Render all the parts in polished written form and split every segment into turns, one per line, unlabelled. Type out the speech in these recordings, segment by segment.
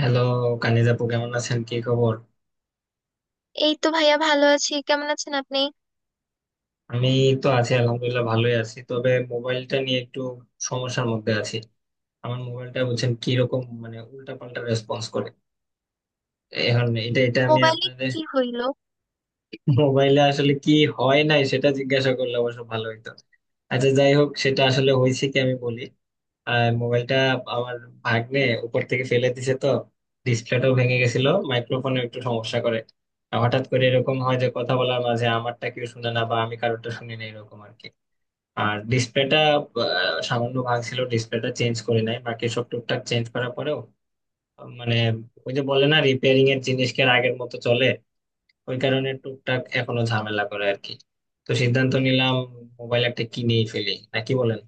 Hello Kaniz আপু, কেমন আছেন? কি খবর?
এই তো ভাইয়া, ভালো আছি। কেমন আছেন আপনি?
আমি তো আছি, আলহামদুলিল্লাহ ভালোই আছি, তবে মোবাইলটা নিয়ে একটু সমস্যার মধ্যে আছি। আমার মোবাইলটা বলছেন কি রকম, মানে উল্টা পাল্টা রেসপন্স করে এখন। এটা এটা আমি
মোবাইলে
আপনাদের
কি হইলো?
মোবাইলে আসলে কি হয় নাই সেটা জিজ্ঞাসা করলে অবশ্য ভালো হইতো। আচ্ছা যাই হোক, সেটা আসলে হয়েছে কি, আমি বলি। আর মোবাইলটা আমার ভাগ্নে উপর থেকে ফেলে দিছে, তো ডিসপ্লেটাও ভেঙে গেছিল, মাইক্রোফোনে একটু সমস্যা করে। আর হঠাৎ করে এরকম হয় যে কথা বলার মাঝে আমারটা কেউ শুনে না বা আমি কারোরটা শুনি না, এরকম আর কি। আর ডিসপ্লেটা সামান্য ভাঙছিল, ডিসপ্লেটা চেঞ্জ করে নাই, বাকি সব টুকটাক চেঞ্জ করার পরেও মানে ওই যে বলে না, রিপেয়ারিং এর জিনিস কি আর আগের মতো চলে? ওই কারণে টুকটাক এখনো ঝামেলা করে আর কি। তো সিদ্ধান্ত নিলাম মোবাইল একটা কিনেই ফেলি, নাকি বলেন।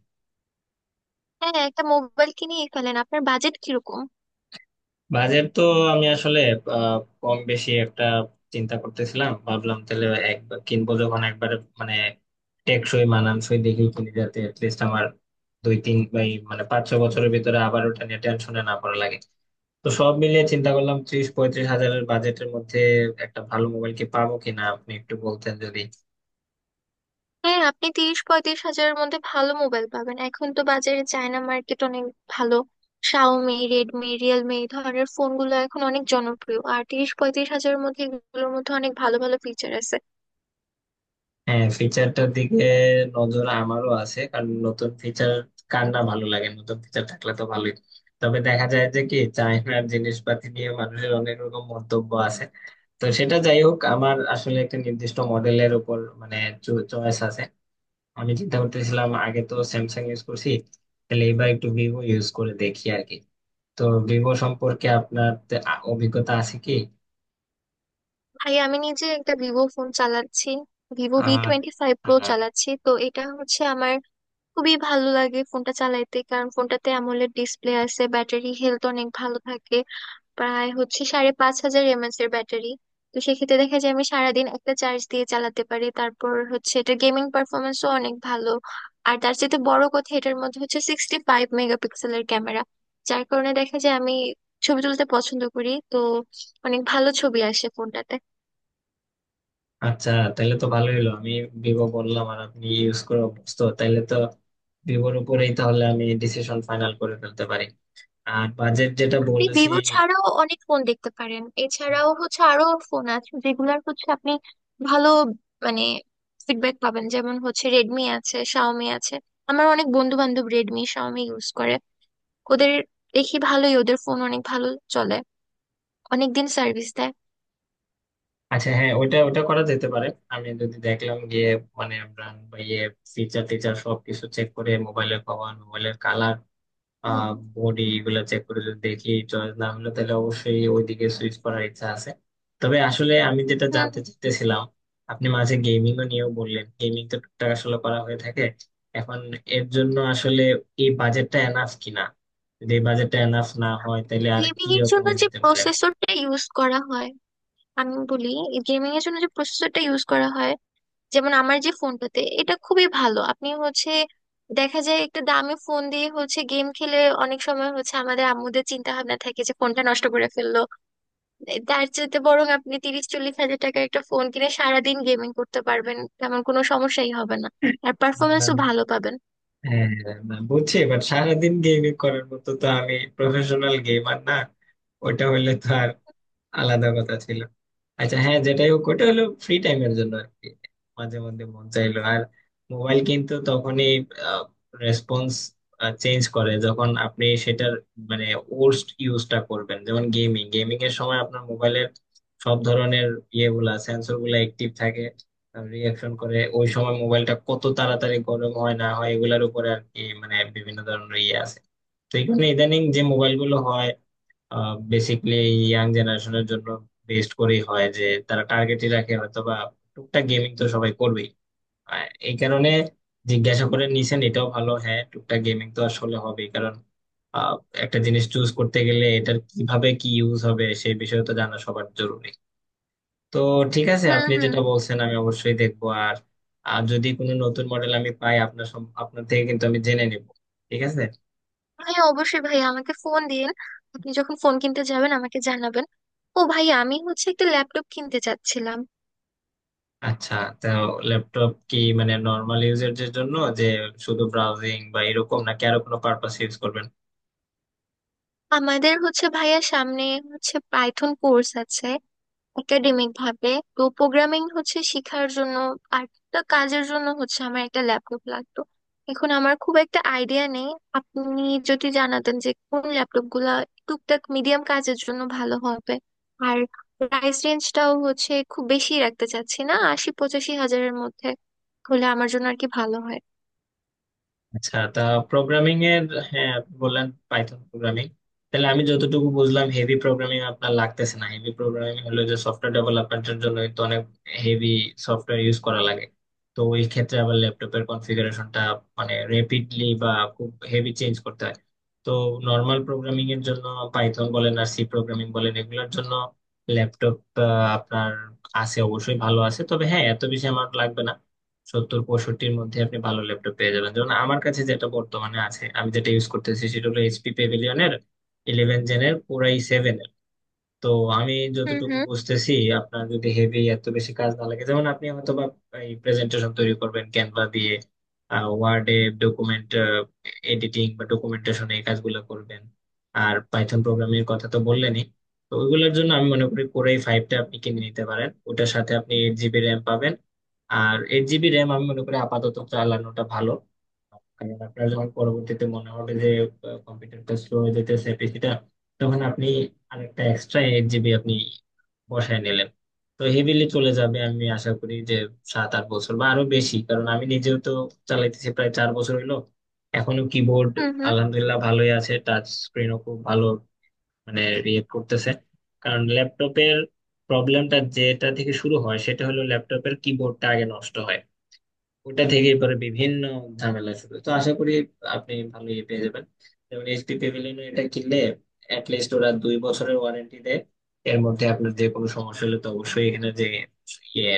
হ্যাঁ, একটা মোবাইল কিনেই ফেলেন। আপনার বাজেট কিরকম?
বাজেট তো আমি আসলে আহ, কম বেশি একটা চিন্তা করতেছিলাম, ভাবলাম তাহলে একবার কিনবো যখন, একবারে মানে টেকসই মানানসই দেখি কিনে, যাতে লিস্ট আমার দুই তিন বা এই মানে 5-6 বছরের ভিতরে আবার ওটা নিয়ে টেনশনে না পড়া লাগে। তো সব মিলিয়ে চিন্তা করলাম, 30-35 হাজারের বাজেটের মধ্যে একটা ভালো মোবাইল কি পাবো কিনা আপনি একটু বলতেন যদি।
হ্যাঁ, আপনি 30-35 হাজারের মধ্যে ভালো মোবাইল পাবেন। এখন তো বাজারে চায়না মার্কেট অনেক ভালো। শাওমি, রেডমি, রিয়েলমি এই ধরনের ফোনগুলো এখন অনেক জনপ্রিয়। আর 30-35 হাজারের মধ্যে এগুলোর মধ্যে অনেক ভালো ভালো ফিচার আছে।
হ্যাঁ, ফিচারটার দিকে নজর আমারও আছে, কারণ নতুন ফিচার কার না ভালো লাগে, নতুন ফিচার থাকলে তো ভালোই। তবে দেখা যায় যে কি, চায়নার জিনিসপাতি নিয়ে মানুষের অনেক রকম মন্তব্য আছে। তো সেটা যাই হোক, আমার আসলে একটা নির্দিষ্ট মডেলের উপর মানে চয়েস আছে। আমি চিন্তা করতেছিলাম, আগে তো স্যামসাং ইউজ করছি, তাহলে এবার একটু ভিভো ইউজ করে দেখি আর কি। তো ভিভো সম্পর্কে আপনার অভিজ্ঞতা আছে কি?
ভাই, আমি নিজে একটা ভিভো ফোন চালাচ্ছি। ভিভো ভি
আর
টোয়েন্টি ফাইভ প্রো চালাচ্ছি, তো এটা হচ্ছে আমার খুবই ভালো লাগে ফোনটা চালাইতে। কারণ ফোনটাতে অ্যামোলেড ডিসপ্লে আছে, ব্যাটারি হেলথ অনেক ভালো থাকে। প্রায় হচ্ছে 5500 mAh এর ব্যাটারি। তো সেক্ষেত্রে দেখা যায় আমি সারাদিন একটা চার্জ দিয়ে চালাতে পারি। তারপর হচ্ছে এটা গেমিং পারফরমেন্সও অনেক ভালো। আর তার চেয়ে বড় কথা, এটার মধ্যে হচ্ছে 65 মেগাপিক্সেলের ক্যামেরা। যার কারণে দেখা যায় আমি ছবি তুলতে পছন্দ করি, তো অনেক ভালো ছবি আসে ফোনটাতে।
আচ্ছা, তাহলে তো ভালোই হলো, আমি ভিভো বললাম আর আপনি ইউজ করে অভ্যস্ত, তাহলে তো ভিভোর উপরেই তাহলে আমি ডিসিশন ফাইনাল করে ফেলতে পারি। আর বাজেট যেটা
আপনি
বলেছি।
ভিভো ছাড়াও অনেক ফোন দেখতে পারেন। এছাড়াও হচ্ছে আরো ফোন আছে যেগুলার হচ্ছে আপনি ভালো মানে ফিডব্যাক পাবেন। যেমন হচ্ছে রেডমি আছে, শাওমি আছে। আমার অনেক বন্ধু বান্ধব রেডমি, শাওমি ইউজ করে। ওদের দেখি ভালোই, ওদের ফোন অনেক ভালো চলে, অনেক দিন সার্ভিস দেয়।
আচ্ছা, হ্যাঁ, ওইটা ওটা করা যেতে পারে। আমি যদি দেখলাম গিয়ে মানে ব্র্যান্ড বা ইয়ে, ফিচার টিচার সবকিছু চেক করে মোবাইলের পাওয়ার, মোবাইলের কালার,
হুম
আহ বডি, এগুলা চেক করে যদি দেখি চয়েস না হলো, তাহলে অবশ্যই ওইদিকে সুইচ করার ইচ্ছা আছে। তবে আসলে আমি যেটা
হুম।
জানতে চাইতেছিলাম, আপনি মাঝে গেমিং ও নিয়েও বললেন, গেমিং তো টুকটাক আসলে করা হয়ে থাকে এখন, এর জন্য আসলে এই বাজেটটা এনাফ কিনা, যদি এই বাজেটটা এনাফ না হয় তাহলে আর কি
গেমিং এর জন্য
রকমের
যে
হইতে পারে।
প্রসেসরটা ইউজ করা হয়, আমি বলি গেমিং এর জন্য যে প্রসেসরটা ইউজ করা হয় যেমন আমার যে ফোনটাতে, এটা খুবই ভালো। আপনি হচ্ছে দেখা যায় একটা দামি ফোন দিয়ে হচ্ছে গেম খেলে, অনেক সময় হচ্ছে আমাদের আম্মুদের চিন্তা ভাবনা থাকে যে ফোনটা নষ্ট করে ফেললো। তার চাইতে বরং আপনি 30-40 হাজার টাকার একটা ফোন কিনে সারাদিন গেমিং করতে পারবেন, তেমন কোনো সমস্যাই হবে না। আর পারফরমেন্সও
উম,
ভালো পাবেন।
হ্যাঁ, না, বুঝছি, বাট সারাদিন গেমিং করার মতো তো আমি প্রফেশনাল গেমার না। ওটা হইলে তো আর আলাদা কথা ছিল। আচ্ছা হ্যাঁ, যেটাই হোক ওটা হলো ফ্রি টাইমের জন্য আর কি, মাঝে মধ্যে মন চাইলো আর। মোবাইল কিন্তু তখনই রেসপন্স চেঞ্জ করে যখন আপনি সেটার মানে ওর্স্ট ইউজটা করবেন। যেমন গেমিং গেমিং এর সময় আপনার মোবাইলের সব ধরনের ইয়েগুলা, সেন্সর গুলা অ্যাক্টিভ থাকে, রিয়াকশন করে, ওই সময় মোবাইলটা কত তাড়াতাড়ি গরম হয় না হয় এগুলার উপরে আর কি, মানে বিভিন্ন ধরনের ইয়ে আছে। তো এই কারণে ইদানিং যে মোবাইল গুলো হয়, বেসিকলি ইয়াং জেনারেশনের জন্য বেস্ট করেই হয় যে, তারা টার্গেটই রাখে হয়তো বা, টুকটাক গেমিং তো সবাই করবেই। আর এই কারণে জিজ্ঞাসা করে নিছেন এটাও ভালো। হ্যাঁ, টুকটাক গেমিং তো আসলে হবেই, কারণ আহ, একটা জিনিস চুজ করতে গেলে এটার কিভাবে কি ইউজ হবে সেই বিষয়ে তো জানা সবার জরুরি। তো ঠিক আছে,
হুম
আপনি
হুম।
যেটা বলছেন আমি অবশ্যই দেখবো। আর আর যদি কোনো নতুন মডেল আমি পাই, আপনার আপনার থেকে কিন্তু আমি জেনে নিব। ঠিক আছে।
হ্যাঁ অবশ্যই ভাইয়া, আমাকে ফোন দিন। আপনি যখন ফোন কিনতে যাবেন আমাকে জানাবেন। ও ভাইয়া, আমি হচ্ছে একটা ল্যাপটপ কিনতে চাচ্ছিলাম।
আচ্ছা, তো ল্যাপটপ কি মানে নর্মাল ইউজের জন্য যে শুধু ব্রাউজিং বা এরকম, নাকি আরো কোনো পারপাস ইউজ করবেন?
আমাদের হচ্ছে ভাইয়া সামনে হচ্ছে পাইথন কোর্স আছে একাডেমিক ভাবে। তো প্রোগ্রামিং হচ্ছে শেখার জন্য আর একটা কাজের জন্য হচ্ছে আমার একটা ল্যাপটপ লাগতো। এখন আমার খুব একটা আইডিয়া নেই। আপনি যদি জানাতেন যে কোন ল্যাপটপ গুলা টুকটাক মিডিয়াম কাজের জন্য ভালো হবে। আর প্রাইস রেঞ্জটাও হচ্ছে খুব বেশি রাখতে চাচ্ছি না, 80-85 হাজারের মধ্যে হলে আমার জন্য আর কি ভালো হয়।
আচ্ছা তা, প্রোগ্রামিং এর, হ্যাঁ আপনি বললেন পাইথন প্রোগ্রামিং। তাহলে আমি যতটুকু বুঝলাম হেভি প্রোগ্রামিং আপনার লাগতেছে না। হেভি প্রোগ্রামিং হলো যে সফটওয়্যার ডেভেলপমেন্টের জন্য তো অনেক হেভি সফটওয়্যার ইউজ করা লাগে। তো ওই ক্ষেত্রে আবার ল্যাপটপের কনফিগারেশনটা মানে রেপিডলি বা খুব হেভি চেঞ্জ করতে হয়। তো নর্মাল প্রোগ্রামিং এর জন্য, পাইথন বলেন আর সি প্রোগ্রামিং বলেন, এগুলোর জন্য ল্যাপটপ আপনার আছে অবশ্যই ভালো আছে, তবে হ্যাঁ এত বেশি আমার লাগবে না। 70-65 এর মধ্যে আপনি ভালো ল্যাপটপ পেয়ে যাবেন। যেমন আমার কাছে যেটা বর্তমানে আছে, আমি যেটা ইউজ করতেছি, সেটা হলো এইচপি প্যাভিলিয়নের 11 জেনের পুরাই 7। তো আমি
হুম
যতটুকু
হুম।
বুঝতেছি আপনার যদি হেভি এত বেশি কাজ না লাগে, যেমন আপনি হয়তো বা এই প্রেজেন্টেশন তৈরি করবেন ক্যানভা দিয়ে, ওয়ার্ডে ডকুমেন্ট এডিটিং বা ডকুমেন্টেশন এই কাজগুলো করবেন, আর পাইথন প্রোগ্রামিং এর কথা তো বললেনই, তো ওইগুলোর জন্য আমি মনে করি কোরাই ফাইভটা আপনি কিনে নিতে পারেন। ওটার সাথে আপনি 8 জিবি র্যাম পাবেন। আর 8 জিবি র্যাম আমি মনে করি আপাতত চালানোটা ভালো, কারণ আপনার যখন পরবর্তীতে মনে হবে যে কম্পিউটারটা স্লো হয়ে যেতেছে, পিসিটা, তখন আপনি আরেকটা এক্সট্রা 8 জিবি আপনি বসায় নিলেন, তো হেভিলি চলে যাবে আমি আশা করি যে 7-8 বছর বা আরো বেশি। কারণ আমি নিজেও তো চালাইতেছি প্রায় 4 বছর হলো, এখনো কিবোর্ড
হুম হুম।
আলহামদুলিল্লাহ ভালোই আছে, টাচ স্ক্রিনও খুব ভালো মানে রিয়েক্ট করতেছে। কারণ ল্যাপটপের প্রবলেমটা যেটা থেকে শুরু হয় সেটা হলো ল্যাপটপের কিবোর্ডটা আগে নষ্ট হয়, ওটা থেকে পরে বিভিন্ন ঝামেলা শুরু। তো আশা করি আপনি ভালো ইয়ে পেয়ে যাবেন। যেমন এইচপি প্যাভিলিয়ন এটা কিনলে অ্যাটলিস্ট ওরা 2 বছরের ওয়ারেন্টি দেয়। এর মধ্যে আপনার যে কোনো সমস্যা হলে তো অবশ্যই এখানে যে ইয়ে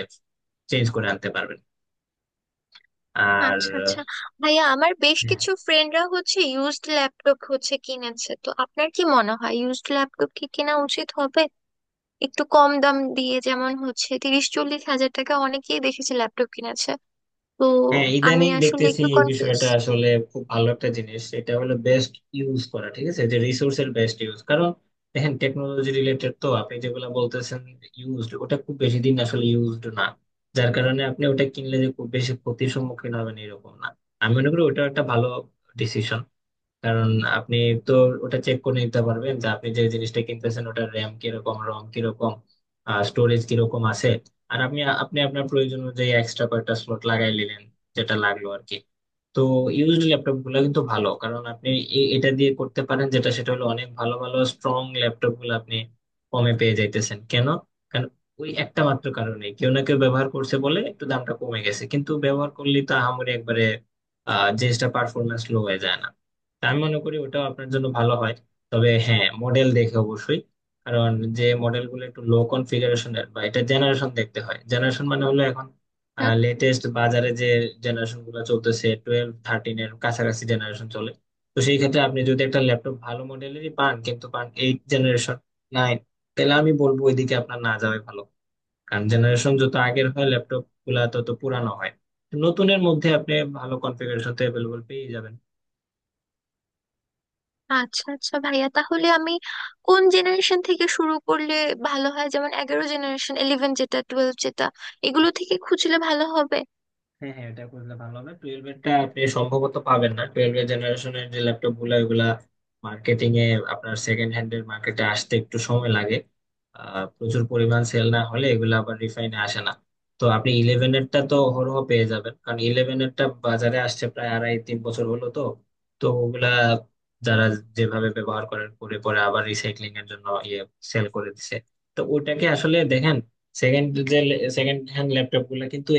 চেঞ্জ করে আনতে পারবেন। আর
আচ্ছা আচ্ছা ভাইয়া, আমার বেশ কিছু ফ্রেন্ডরা হচ্ছে ইউজড ল্যাপটপ হচ্ছে কিনেছে। তো আপনার কি মনে হয় ইউজড ল্যাপটপ কি কেনা উচিত হবে? একটু কম দাম দিয়ে যেমন হচ্ছে 30-40 হাজার টাকা, অনেকেই দেখেছি ল্যাপটপ কিনেছে। তো
হ্যাঁ,
আমি
ইদানিং
আসলে
দেখতেছি
একটু
এই
কনফিউজ।
বিষয়টা আসলে খুব ভালো একটা জিনিস, এটা হলো বেস্ট ইউজ করা, ঠিক আছে যে রিসোর্সের বেস্ট ইউজ। কারণ দেখেন, টেকনোলজি রিলেটেড তো আপনি যেগুলো বলতেছেন ইউজড, ওটা খুব বেশি দিন আসলে ইউজড না, যার কারণে আপনি ওটা কিনলে যে খুব বেশি ক্ষতির সম্মুখীন হবেন এরকম না। আমি মনে করি ওটা একটা ভালো ডিসিশন, কারণ আপনি তো ওটা চেক করে নিতে পারবেন যে আপনি যে জিনিসটা কিনতেছেন ওটার র্যাম কিরকম, রম কিরকম, স্টোরেজ কিরকম আছে। আর আপনি আপনি আপনার প্রয়োজন অনুযায়ী এক্সট্রা কয়েকটা স্লট লাগাই নিলেন, যেটা লাগলো আর কি। তো ইউজড ল্যাপটপ গুলা কিন্তু ভালো, কারণ আপনি এটা দিয়ে করতে পারেন যেটা, সেটা হলো অনেক ভালো ভালো স্ট্রং ল্যাপটপ গুলো আপনি কমে পেয়ে যাইতেছেন। কেন? কারণ ওই একটা মাত্র কারণে, কেউ না কেউ ব্যবহার করছে বলে একটু দামটা কমে গেছে, কিন্তু ব্যবহার করলে তো আহামরি একবারে জিনিসটা পারফরমেন্স লো হয়ে যায় না। তা আমি মনে করি ওটাও আপনার জন্য ভালো হয়। তবে হ্যাঁ, মডেল দেখে অবশ্যই, কারণ যে মডেল গুলো একটু লো কনফিগারেশনের বা এটা জেনারেশন দেখতে হয়। জেনারেশন মানে হলো এখন
হুম।
লেটেস্ট বাজারে যে জেনারেশন গুলো চলতেছে, 12-13 এর কাছাকাছি জেনারেশন চলে। তো সেই ক্ষেত্রে আপনি যদি একটা ল্যাপটপ ভালো মডেলেরই পান কিন্তু পান 8 জেনারেশন, 9, তাহলে আমি বলবো ওইদিকে আপনার না যাওয়াই ভালো, কারণ জেনারেশন যত আগের হয় ল্যাপটপ গুলা তত পুরানো হয়। নতুনের মধ্যে আপনি ভালো কনফিগারেশন তো অ্যাভেলেবল পেয়ে যাবেন।
আচ্ছা আচ্ছা ভাইয়া, তাহলে আমি কোন জেনারেশন থেকে শুরু করলে ভালো হয়? যেমন 11 জেনারেশন, ইলেভেন যেটা, টুয়েলভ যেটা, এগুলো থেকে খুঁজলে ভালো হবে?
হ্যাঁ হ্যাঁ, এটা করলে ভালো হবে। 12 এরটা আপনি সম্ভবত পাবেন না, 12 এর জেনারেশনের যে ল্যাপটপ গুলো ওগুলা মার্কেটিং এ আপনার সেকেন্ড হ্যান্ড এর মার্কেটে আসতে একটু সময় লাগে। প্রচুর পরিমাণ সেল না হলে এগুলো আবার রিফাইনে আসে না। তো আপনি 11 এরটা তো হরহ পেয়ে যাবেন, কারণ 11 এরটা বাজারে আসছে প্রায় 2.5-3 বছর হলো। তো তো ওগুলা
হুম
যারা যেভাবে ব্যবহার করেন, করে পরে আবার রিসাইক্লিং এর জন্য ইয়ে সেল করে দিছে। তো ওটাকে আসলে দেখেন, সেকেন্ড যে সেকেন্ড হ্যান্ড ল্যাপটপ গুলা কিন্তু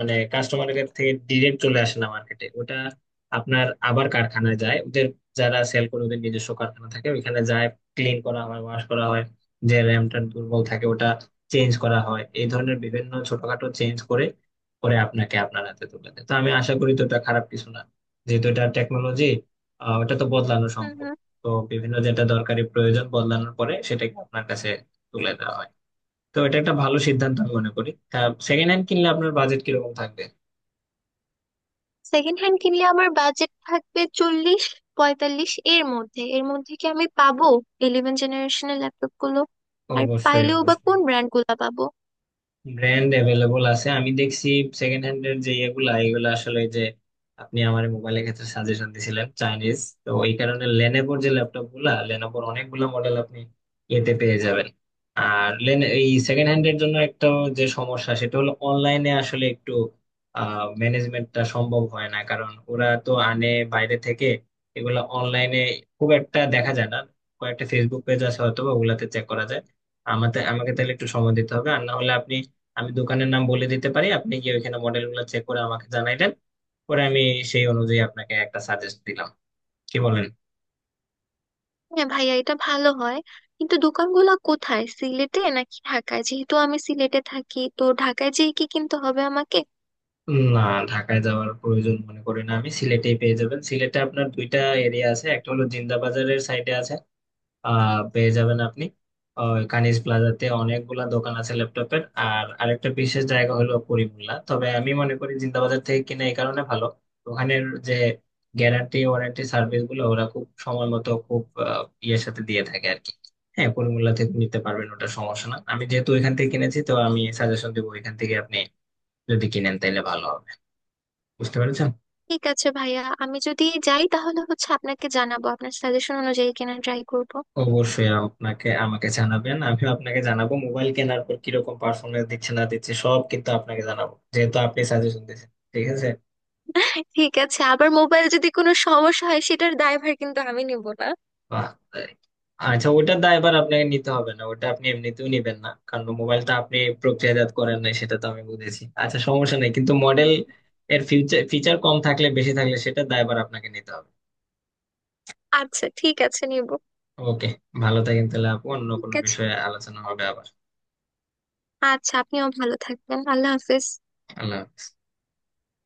মানে কাস্টমারের কাছ থেকে ডিরেক্ট চলে আসে না মার্কেটে, ওটা আপনার আবার কারখানায় যায় ওদের, যারা সেল করে ওদের নিজস্ব কারখানা থাকে ওইখানে যায়, ক্লিন করা হয়, ওয়াশ করা হয়, যে র্যামটা দুর্বল থাকে ওটা চেঞ্জ করা হয়, এই ধরনের বিভিন্ন ছোটখাটো চেঞ্জ করে করে আপনাকে আপনার হাতে তুলে দেয়। তো আমি আশা করি তো এটা খারাপ কিছু না, যেহেতু এটা টেকনোলজি, ওটা তো বদলানো
হুম।
সম্ভব।
হুম।
তো বিভিন্ন যেটা দরকারি প্রয়োজন বদলানোর পরে সেটাকে আপনার কাছে তুলে দেওয়া হয়। তো এটা একটা ভালো সিদ্ধান্ত আমি মনে করি। সেকেন্ড হ্যান্ড কিনলে আপনার বাজেট কিরকম থাকবে?
সেকেন্ড হ্যান্ড কিনলে আমার বাজেট থাকবে 40-45 এর মধ্যে। এর মধ্যে কি আমি পাবো ইলেভেন জেনারেশনের ল্যাপটপ গুলো? আর
অবশ্যই,
পাইলেও বা
অবশ্যই।
কোন ব্র্যান্ড গুলা পাবো?
ব্র্যান্ড অ্যাভেলেবল আছে, আমি দেখছি সেকেন্ড হ্যান্ড এর যে ইয়েগুলা, এগুলো আসলে যে আপনি আমার মোবাইলের ক্ষেত্রে সাজেশন দিছিলেন চাইনিজ, তো এই কারণে লেনোভোর যে ল্যাপটপ গুলা, লেনোভোর অনেকগুলা মডেল আপনি এতে পেয়ে যাবেন। আর লেন, এই সেকেন্ড হ্যান্ড এর জন্য একটা যে সমস্যা, সেটা হলো অনলাইনে আসলে একটু ম্যানেজমেন্টটা সম্ভব হয় না, কারণ ওরা তো আনে বাইরে থেকে, এগুলা অনলাইনে খুব একটা দেখা যায় না। কয়েকটা ফেসবুক পেজ আছে হয়তো বা, ওগুলাতে চেক করা যায়। আমাকে আমাকে তাহলে একটু সময় দিতে হবে, আর না হলে আপনি, আমি দোকানের নাম বলে দিতে পারি, আপনি গিয়ে ওইখানে মডেলগুলো চেক করে আমাকে জানাইলেন, পরে আমি সেই অনুযায়ী আপনাকে একটা সাজেস্ট দিলাম, কি বলেন?
হ্যাঁ ভাইয়া, এটা ভালো হয়। কিন্তু দোকানগুলো কোথায়, সিলেটে নাকি ঢাকায়? যেহেতু আমি সিলেটে থাকি, তো ঢাকায় যেয়ে কি কিনতে হবে আমাকে?
না, ঢাকায় যাওয়ার প্রয়োজন মনে করি না আমি, সিলেটেই পেয়ে যাবেন। সিলেটে আপনার দুইটা এরিয়া আছে, একটা হলো জিন্দা বাজারের সাইডে আছে, পেয়ে যাবেন আপনি। কানিজ প্লাজাতে অনেকগুলা দোকান আছে ল্যাপটপের, আর আরেকটা বিশেষ জায়গা হলো করিমুল্লা। তবে আমি মনে করি জিন্দাবাজার থেকে কিনা এই কারণে ভালো, ওখানের যে গ্যারান্টি ওয়ারেন্টি সার্ভিস গুলো ওরা খুব সময় মতো খুব ইয়ের সাথে দিয়ে থাকে আর কি। হ্যাঁ, করিমুল্লা থেকে নিতে পারবেন, ওটা সমস্যা না, আমি যেহেতু ওইখান থেকে কিনেছি তো আমি সাজেশন দেবো, ওইখান থেকে আপনি যদি কিনেন তাহলে ভালো হবে। বুঝতে পেরেছেন।
ঠিক আছে ভাইয়া, আমি যদি যাই তাহলে হচ্ছে আপনাকে জানাবো, আপনার সাজেশন অনুযায়ী কেনা ট্রাই করবো।
অবশ্যই আপনাকে আমাকে জানাবেন, আমিও আপনাকে জানাবো মোবাইল কেনার পর কিরকম পারফরমেন্স দিচ্ছে না দিচ্ছে সব কিন্তু আপনাকে জানাবো, যেহেতু আপনি সাজেশন দিয়েছেন। ঠিক আছে।
ঠিক আছে, আবার মোবাইল যদি কোনো সমস্যা হয় সেটার দায়ভার কিন্তু আমি নিব না।
বাহ, তাই। আচ্ছা, ওটার দায় এবার আপনাকে নিতে হবে না, ওটা আপনি এমনিতেও নিবেন না, কারণ মোবাইলটা আপনি প্রক্রিয়াজাত করেন নাই সেটা তো আমি বুঝেছি। আচ্ছা, সমস্যা নেই, কিন্তু মডেল
উম,
এর ফিউচার ফিচার কম থাকলে বেশি থাকলে সেটা দায়ভার আপনাকে নিতে হবে।
আচ্ছা ঠিক আছে, নিব।
ওকে, ভালো থাকেন তাহলে আপু, অন্য
ঠিক
কোনো
আছে।
বিষয়ে আলোচনা হবে আবার।
আচ্ছা আপনিও ভালো থাকবেন, আল্লাহ হাফেজ।
আল্লাহ হাফেজ।